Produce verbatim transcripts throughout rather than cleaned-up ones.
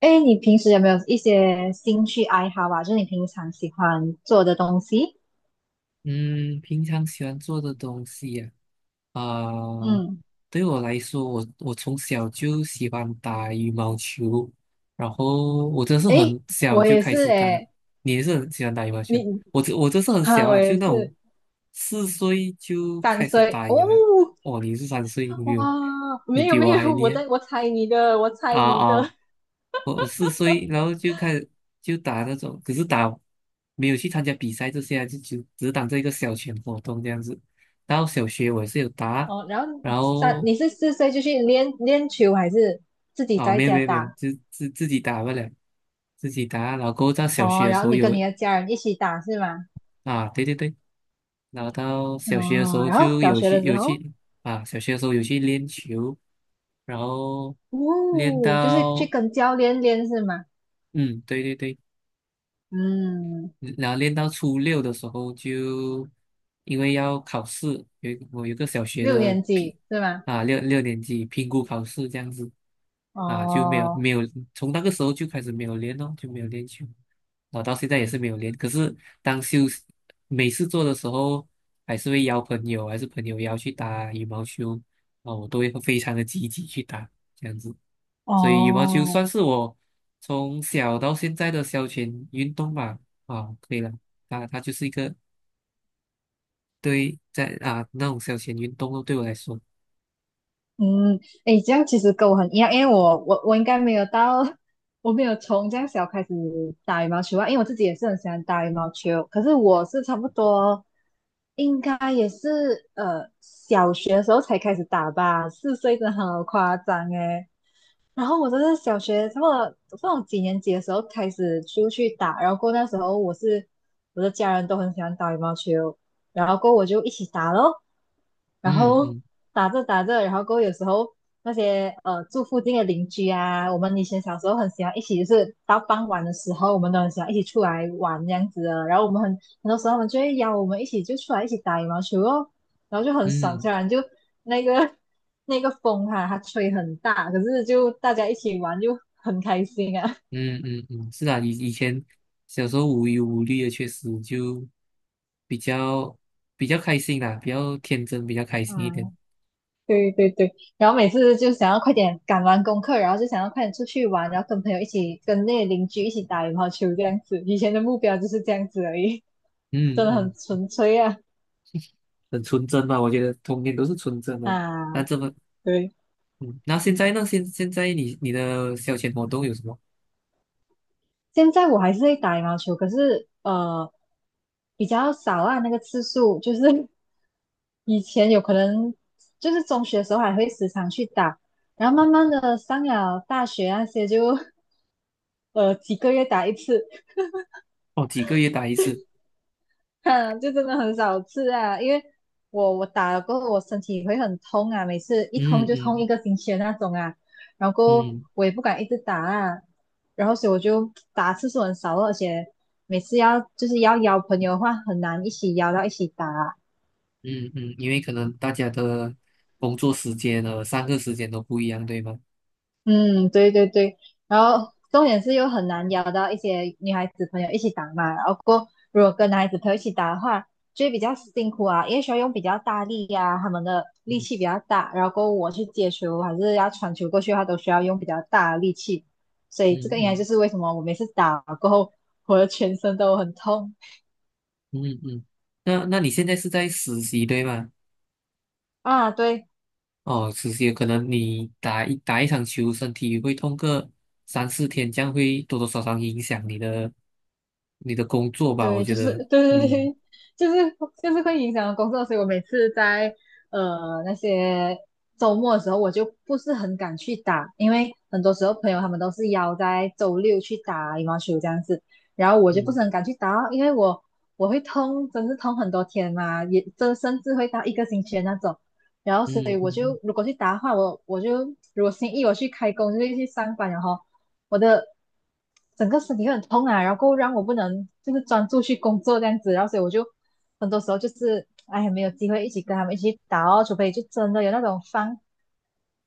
哎，你平时有没有一些兴趣爱好啊？就是你平常喜欢做的东西？嗯，平常喜欢做的东西呀、啊，呃嗯，对我来说，我我从小就喜欢打羽毛球，然后我真是哎，很小我就也开是始打。哎，你也是很喜欢打羽毛你球？我这我真是很哈、小我啊，就也那种是四岁就三开始岁打哦，羽毛。哦，你是三岁，你哇，比我你没有比没我还有，我厉害。在我猜你的，我猜你啊啊的我四岁，然后就开始就打那种，可是打没有去参加比赛这些啊，就只只是当这一个小群活动这样子。然后小学我也是有打，哦。然后然三，后你是四岁就去练练球，还是自己啊在没有家没有没有，打？自自自己打不了，自己打。然后过后到小哦，学的然时后候你跟有。你的家人一起打是吗？啊，对对对，然后到小学的时哦，候然后就小有学去的时有候，去。啊，小学的时候有去练球，然后练哦，就是去到。跟教练练是吗？嗯，对对对。嗯，然后练到初六的时候就，因为要考试，有一个我有个小学六的年评。级是吗？啊六六年级评估考试这样子。啊就没有哦没有从那个时候就开始没有练咯，就没有练球，然后到现在也是没有练。可是当休息每次做的时候，还是会邀朋友，还是朋友邀去打羽毛球，啊，我都会非常的积极去打，这样子。所以羽毛球哦，算是我从小到现在的消遣运动吧。啊，可以了，啊，它就是一个对在啊那种消遣运动咯，对我来说，嗯，诶，这样其实跟我很一样，因为我我我应该没有到，我没有从这样小开始打羽毛球啊，因为我自己也是很喜欢打羽毛球，可是我是差不多，应该也是呃小学的时候才开始打吧，四岁真的好夸张诶。然后我真的是小学差不多不知道几年级的时候开始出去打，然后过那时候我是我的家人都很喜欢打羽毛球，然后过后我就一起打咯。然嗯后嗯打着打着，然后过后有时候那些呃住附近的邻居啊，我们以前小时候很喜欢一起，就是到傍晚的时候，我们都很喜欢一起出来玩这样子的。然后我们很很多时候他们就会邀我们一起就出来一起打羽毛球哦，然后就很爽，嗯虽然就那个 那个风哈、它吹很大，可是就大家一起玩就很开心啊。嗯嗯嗯，是啊，以以前小时候无忧无虑的，确实就比较比较开心啦，比较天真，比较开啊，心一点。对对对，然后每次就想要快点赶完功课，然后就想要快点出去玩，然后跟朋友一起跟那些邻居一起打羽毛球这样子。以前的目标就是这样子而已，真嗯的嗯，很纯粹啊很纯真吧，我觉得童年都是纯真的。那啊！这么，对，嗯，那现在呢？现现在你你的消遣活动有什么？现在我还是会打羽毛球，可是呃比较少啊，那个次数就是 以前有可能就是中学的时候还会时常去打，然后慢慢的上了大学那些就 呃几个月打一次。哦，几个月打一次。哼，就真的很少吃啊，因为我我打了过后，我身体会很痛啊，每次一痛嗯就痛一嗯个星期的那种啊，然后过后嗯我也不敢一直打啊，然后所以我就打次数很少了，而且每次要就是要邀朋友的话，很难一起邀到一起打啊，嗯嗯，因为可能大家的工作时间和上课时间都不一样，对吗？嗯，对对对，然后重点是又很难邀到一些女孩子朋友一起打嘛，然后过后如果跟男孩子朋友一起打的话，就会比较辛苦啊，因为需要用比较大力呀、他们的力气嗯比较大，然后过后我去接球还是要传球过去的话，都需要用比较大的力气，所嗯以这个应该就嗯是为什么我每次打过后我的全身都很痛嗯嗯，那那你现在是在实习对吗？啊，对。哦，实习可能你打一打一场球，身体会痛个三四天，这样会多多少少影响你的你的工作吧？我对，觉就得。是对对对，嗯就是就是会影响到工作，所以我每次在呃那些周末的时候，我就不是很敢去打，因为很多时候朋友他们都是邀在周六去打羽毛球这样子，然后我就不嗯是很敢去打哦，因为我我会痛，真是痛很多天嘛，也这甚至会到一个星期的那种，然后所以嗯我就嗯。如果去打的话，我我就如果星期一我去开工就会去上班，然后。我的整个身体会很痛啊，然后让我不能就是专注去工作这样子，然后所以我就很多时候就是哎没有机会一起跟他们一起去打哦，除非就真的有那种放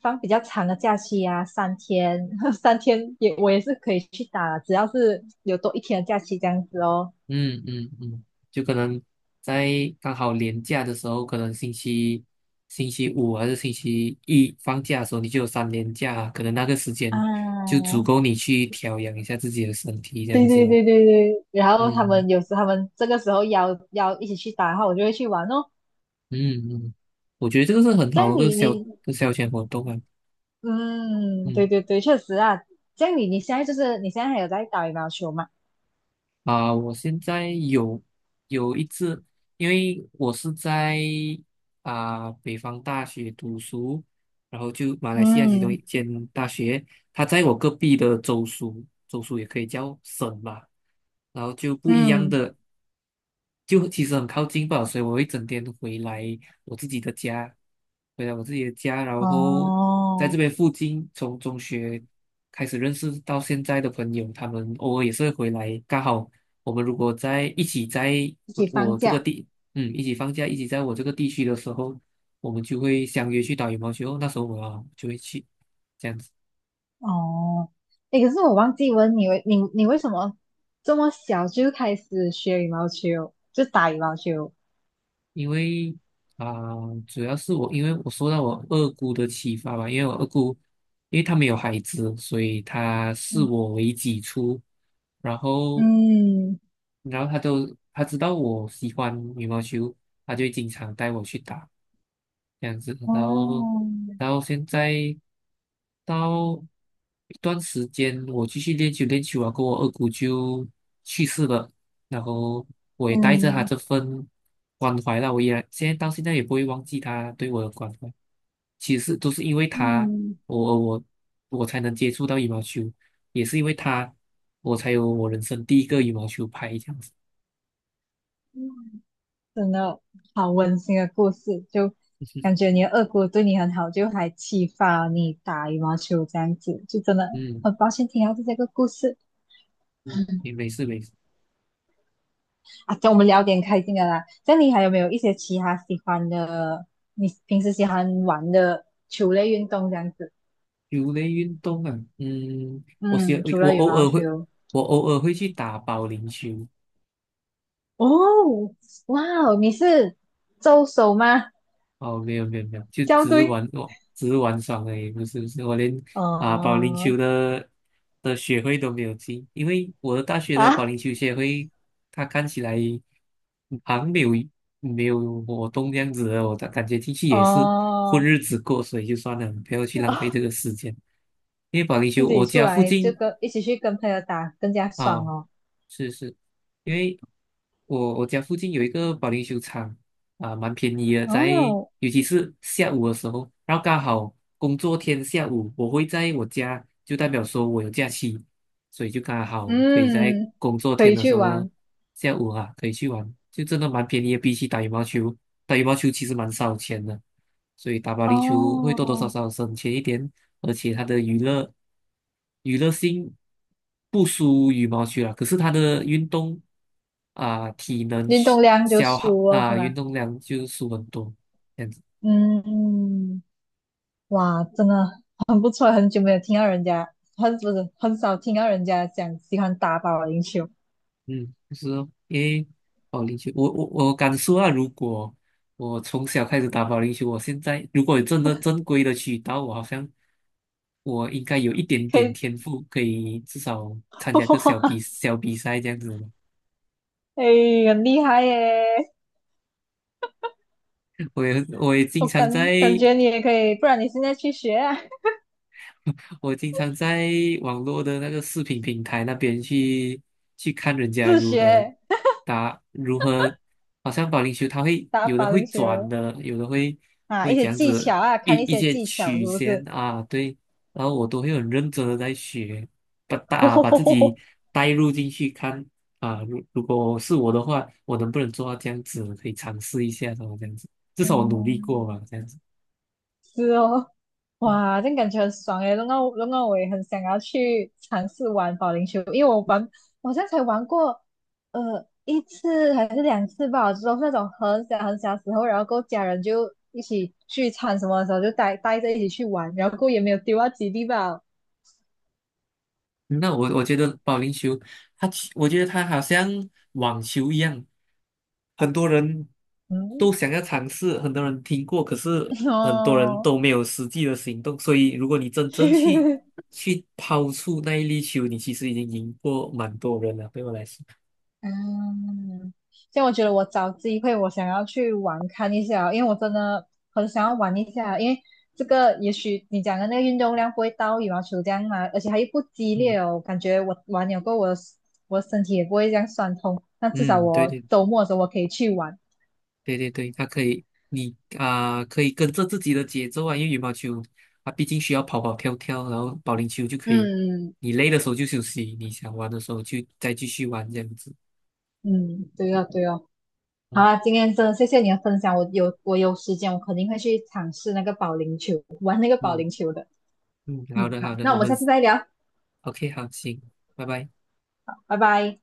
放比较长的假期啊，三天 三天也我也是可以去打，只要是有多一天的假期这样子哦。嗯嗯嗯，就可能在刚好连假的时候，可能星期星期五还是星期一放假的时候，你就有三连假，可能那个时间就啊，足够你去调养一下自己的身体，这样对子对吧。对对对，然后他嗯们有时他们这个时候邀邀一起去打，然后我就会去玩哦。嗯嗯，嗯，我觉得这个是很这好样的一个你消一你个消遣活动啊。嗯，对嗯。对对，确实啊。这样你你现在就是你现在还有在打羽毛球吗？啊，我现在有有一次，因为我是在啊北方大学读书，然后就马来西亚其中一嗯间大学，它在我隔壁的州属，州属也可以叫省吧，然后就不一样嗯，的。就其实很靠近吧，所以我会整天回来我自己的家，回来我自己的家，然后在这哦，边附近，从中学开始认识到现在的朋友，他们偶尔也是会回来，刚好我们如果在一起在一我起放我这个假地，嗯，一起放假，一起在我这个地区的时候，我们就会相约去打羽毛球，那时候我就会去，这样子。哦。诶，可是我忘记问你为你你为什么这么小就开始学羽毛球，就打羽毛球？因为啊、主要是我，因为我受到我二姑的启发吧，因为我二姑，因为她没有孩子，所以她视嗯我为己出，然后，嗯，然后她都她知道我喜欢羽毛球，她就会经常带我去打，这样子，然后哦，然后现在到一段时间，我继续练球练球啊，跟我二姑就去世了，然后我也带着她这份关怀啦，我也现在到现在也不会忘记她对我的关怀。其实都是因为嗯他，嗯。我我我才能接触到羽毛球，也是因为他，我才有我人生第一个羽毛球拍这样子。嗯真的好温馨的故事，就感觉你的二姑对你很好，就还启发你打羽毛球这样子，就真的嗯很抱歉听到这个故事嗯，也没事没事。啊。叫我们聊点开心的啦。这样你还有没有一些其他喜欢的，你平时喜欢玩的球类运动这样子？球类运动啊，嗯，我喜欢嗯，除我了羽偶毛尔会球，我偶尔会去打保龄球。哦，哇哦，你是周手吗？哦，没有没有没有，就校只是队？玩我只是玩耍而已，不是不是，我连啊保龄球哦，的的学会都没有进，因为我的大学的保啊，龄球协会，它看起来好像没有没有活动这样子的，我的感觉进去也是混哦。日子过，所以就算了，不要去浪费这个 时间。因为保龄自球，己我出家附来就近。跟一起去跟朋友打更加爽啊。哦。是是，因为我我家附近有一个保龄球场啊，蛮便宜的，在哦，尤其是下午的时候，然后刚好工作天下午，我会在我家，就代表说我有假期，所以就刚好可以在嗯，工作可天以的去时候玩下午啊，可以去玩，就真的蛮便宜的，比起打羽毛球，打羽毛球其实蛮烧钱的。所以打保龄球会多多少哦，少省钱一点，而且它的娱乐娱乐性不输羽毛球啦。可是它的运动啊、体能运消动量就消耗输了是啊、运吗？动量就输很多这样子。嗯，哇，真的很不错，很久没有听到人家，很不是很少听到人家讲喜欢打保龄球，嗯，就是哦，因为保龄球，我我我敢说啊，如果我从小开始打保龄球，我现在如果有真的正规的渠道，我好像我应该有一点可点以，天赋，可以至少 参加个小比哇，小比赛这样子。哎，很厉害耶！我也我也经我常感在感觉你也可以，不然你现在去学啊，我经常在网络的那个视频平台那边去去看人 家自如何学打，如何好像保龄球，它会打有的保会龄球转的，有的会啊，会一这些样技子巧啊，一看一一些些技巧是曲不线是？啊，对，然后我都会很认真的在学，把打把自己 带入进去看啊，如如果是我的话，我能不能做到这样子，可以尝试一下，什么这样子，至少我努力过吧，嗯，这样子。是哦，嗯哇，这样感觉很爽诶，弄到弄到我也很想要去尝试玩保龄球，因为我玩，我好像才玩过，呃，一次还是两次吧，就是那种很小很小的时候，然后跟家人就一起聚餐什么的时候就带带着一起去玩，然后过后也没有丢到基地吧，嗯，那我我觉得保龄球，它其我觉得它好像网球一样，很多人嗯，都想要尝试，很多人听过，可是 很多人哦。都没有实际的行动。所以，如果你真正去 去抛出那一粒球，你其实已经赢过蛮多人了。对我来说，嗯，像我觉得我找机会，我想要去玩看一下哦，因为我真的很想要玩一下，因为这个也许你讲的那个运动量不会到羽毛球这样嘛，而且它又不激烈嗯哦，感觉我玩了过后我的我的身体也不会这样酸痛，那至少嗯，对我对。周末的时候我可以去玩。对对对，它可以，你啊、可以跟着自己的节奏啊，因为羽毛球啊，毕竟需要跑跑跳跳，然后保龄球就可以，嗯你累的时候就休息，你想玩的时候就再继续玩这样子。嗯，对哦对哦，好嗯啊，今天真的谢谢你的分享，我有我有时间我肯定会去尝试那个保龄球，玩那个保嗯龄球的。嗯，好嗯，的好好，的，那我我们们 下次再聊，O K 好，行，拜拜。拜拜。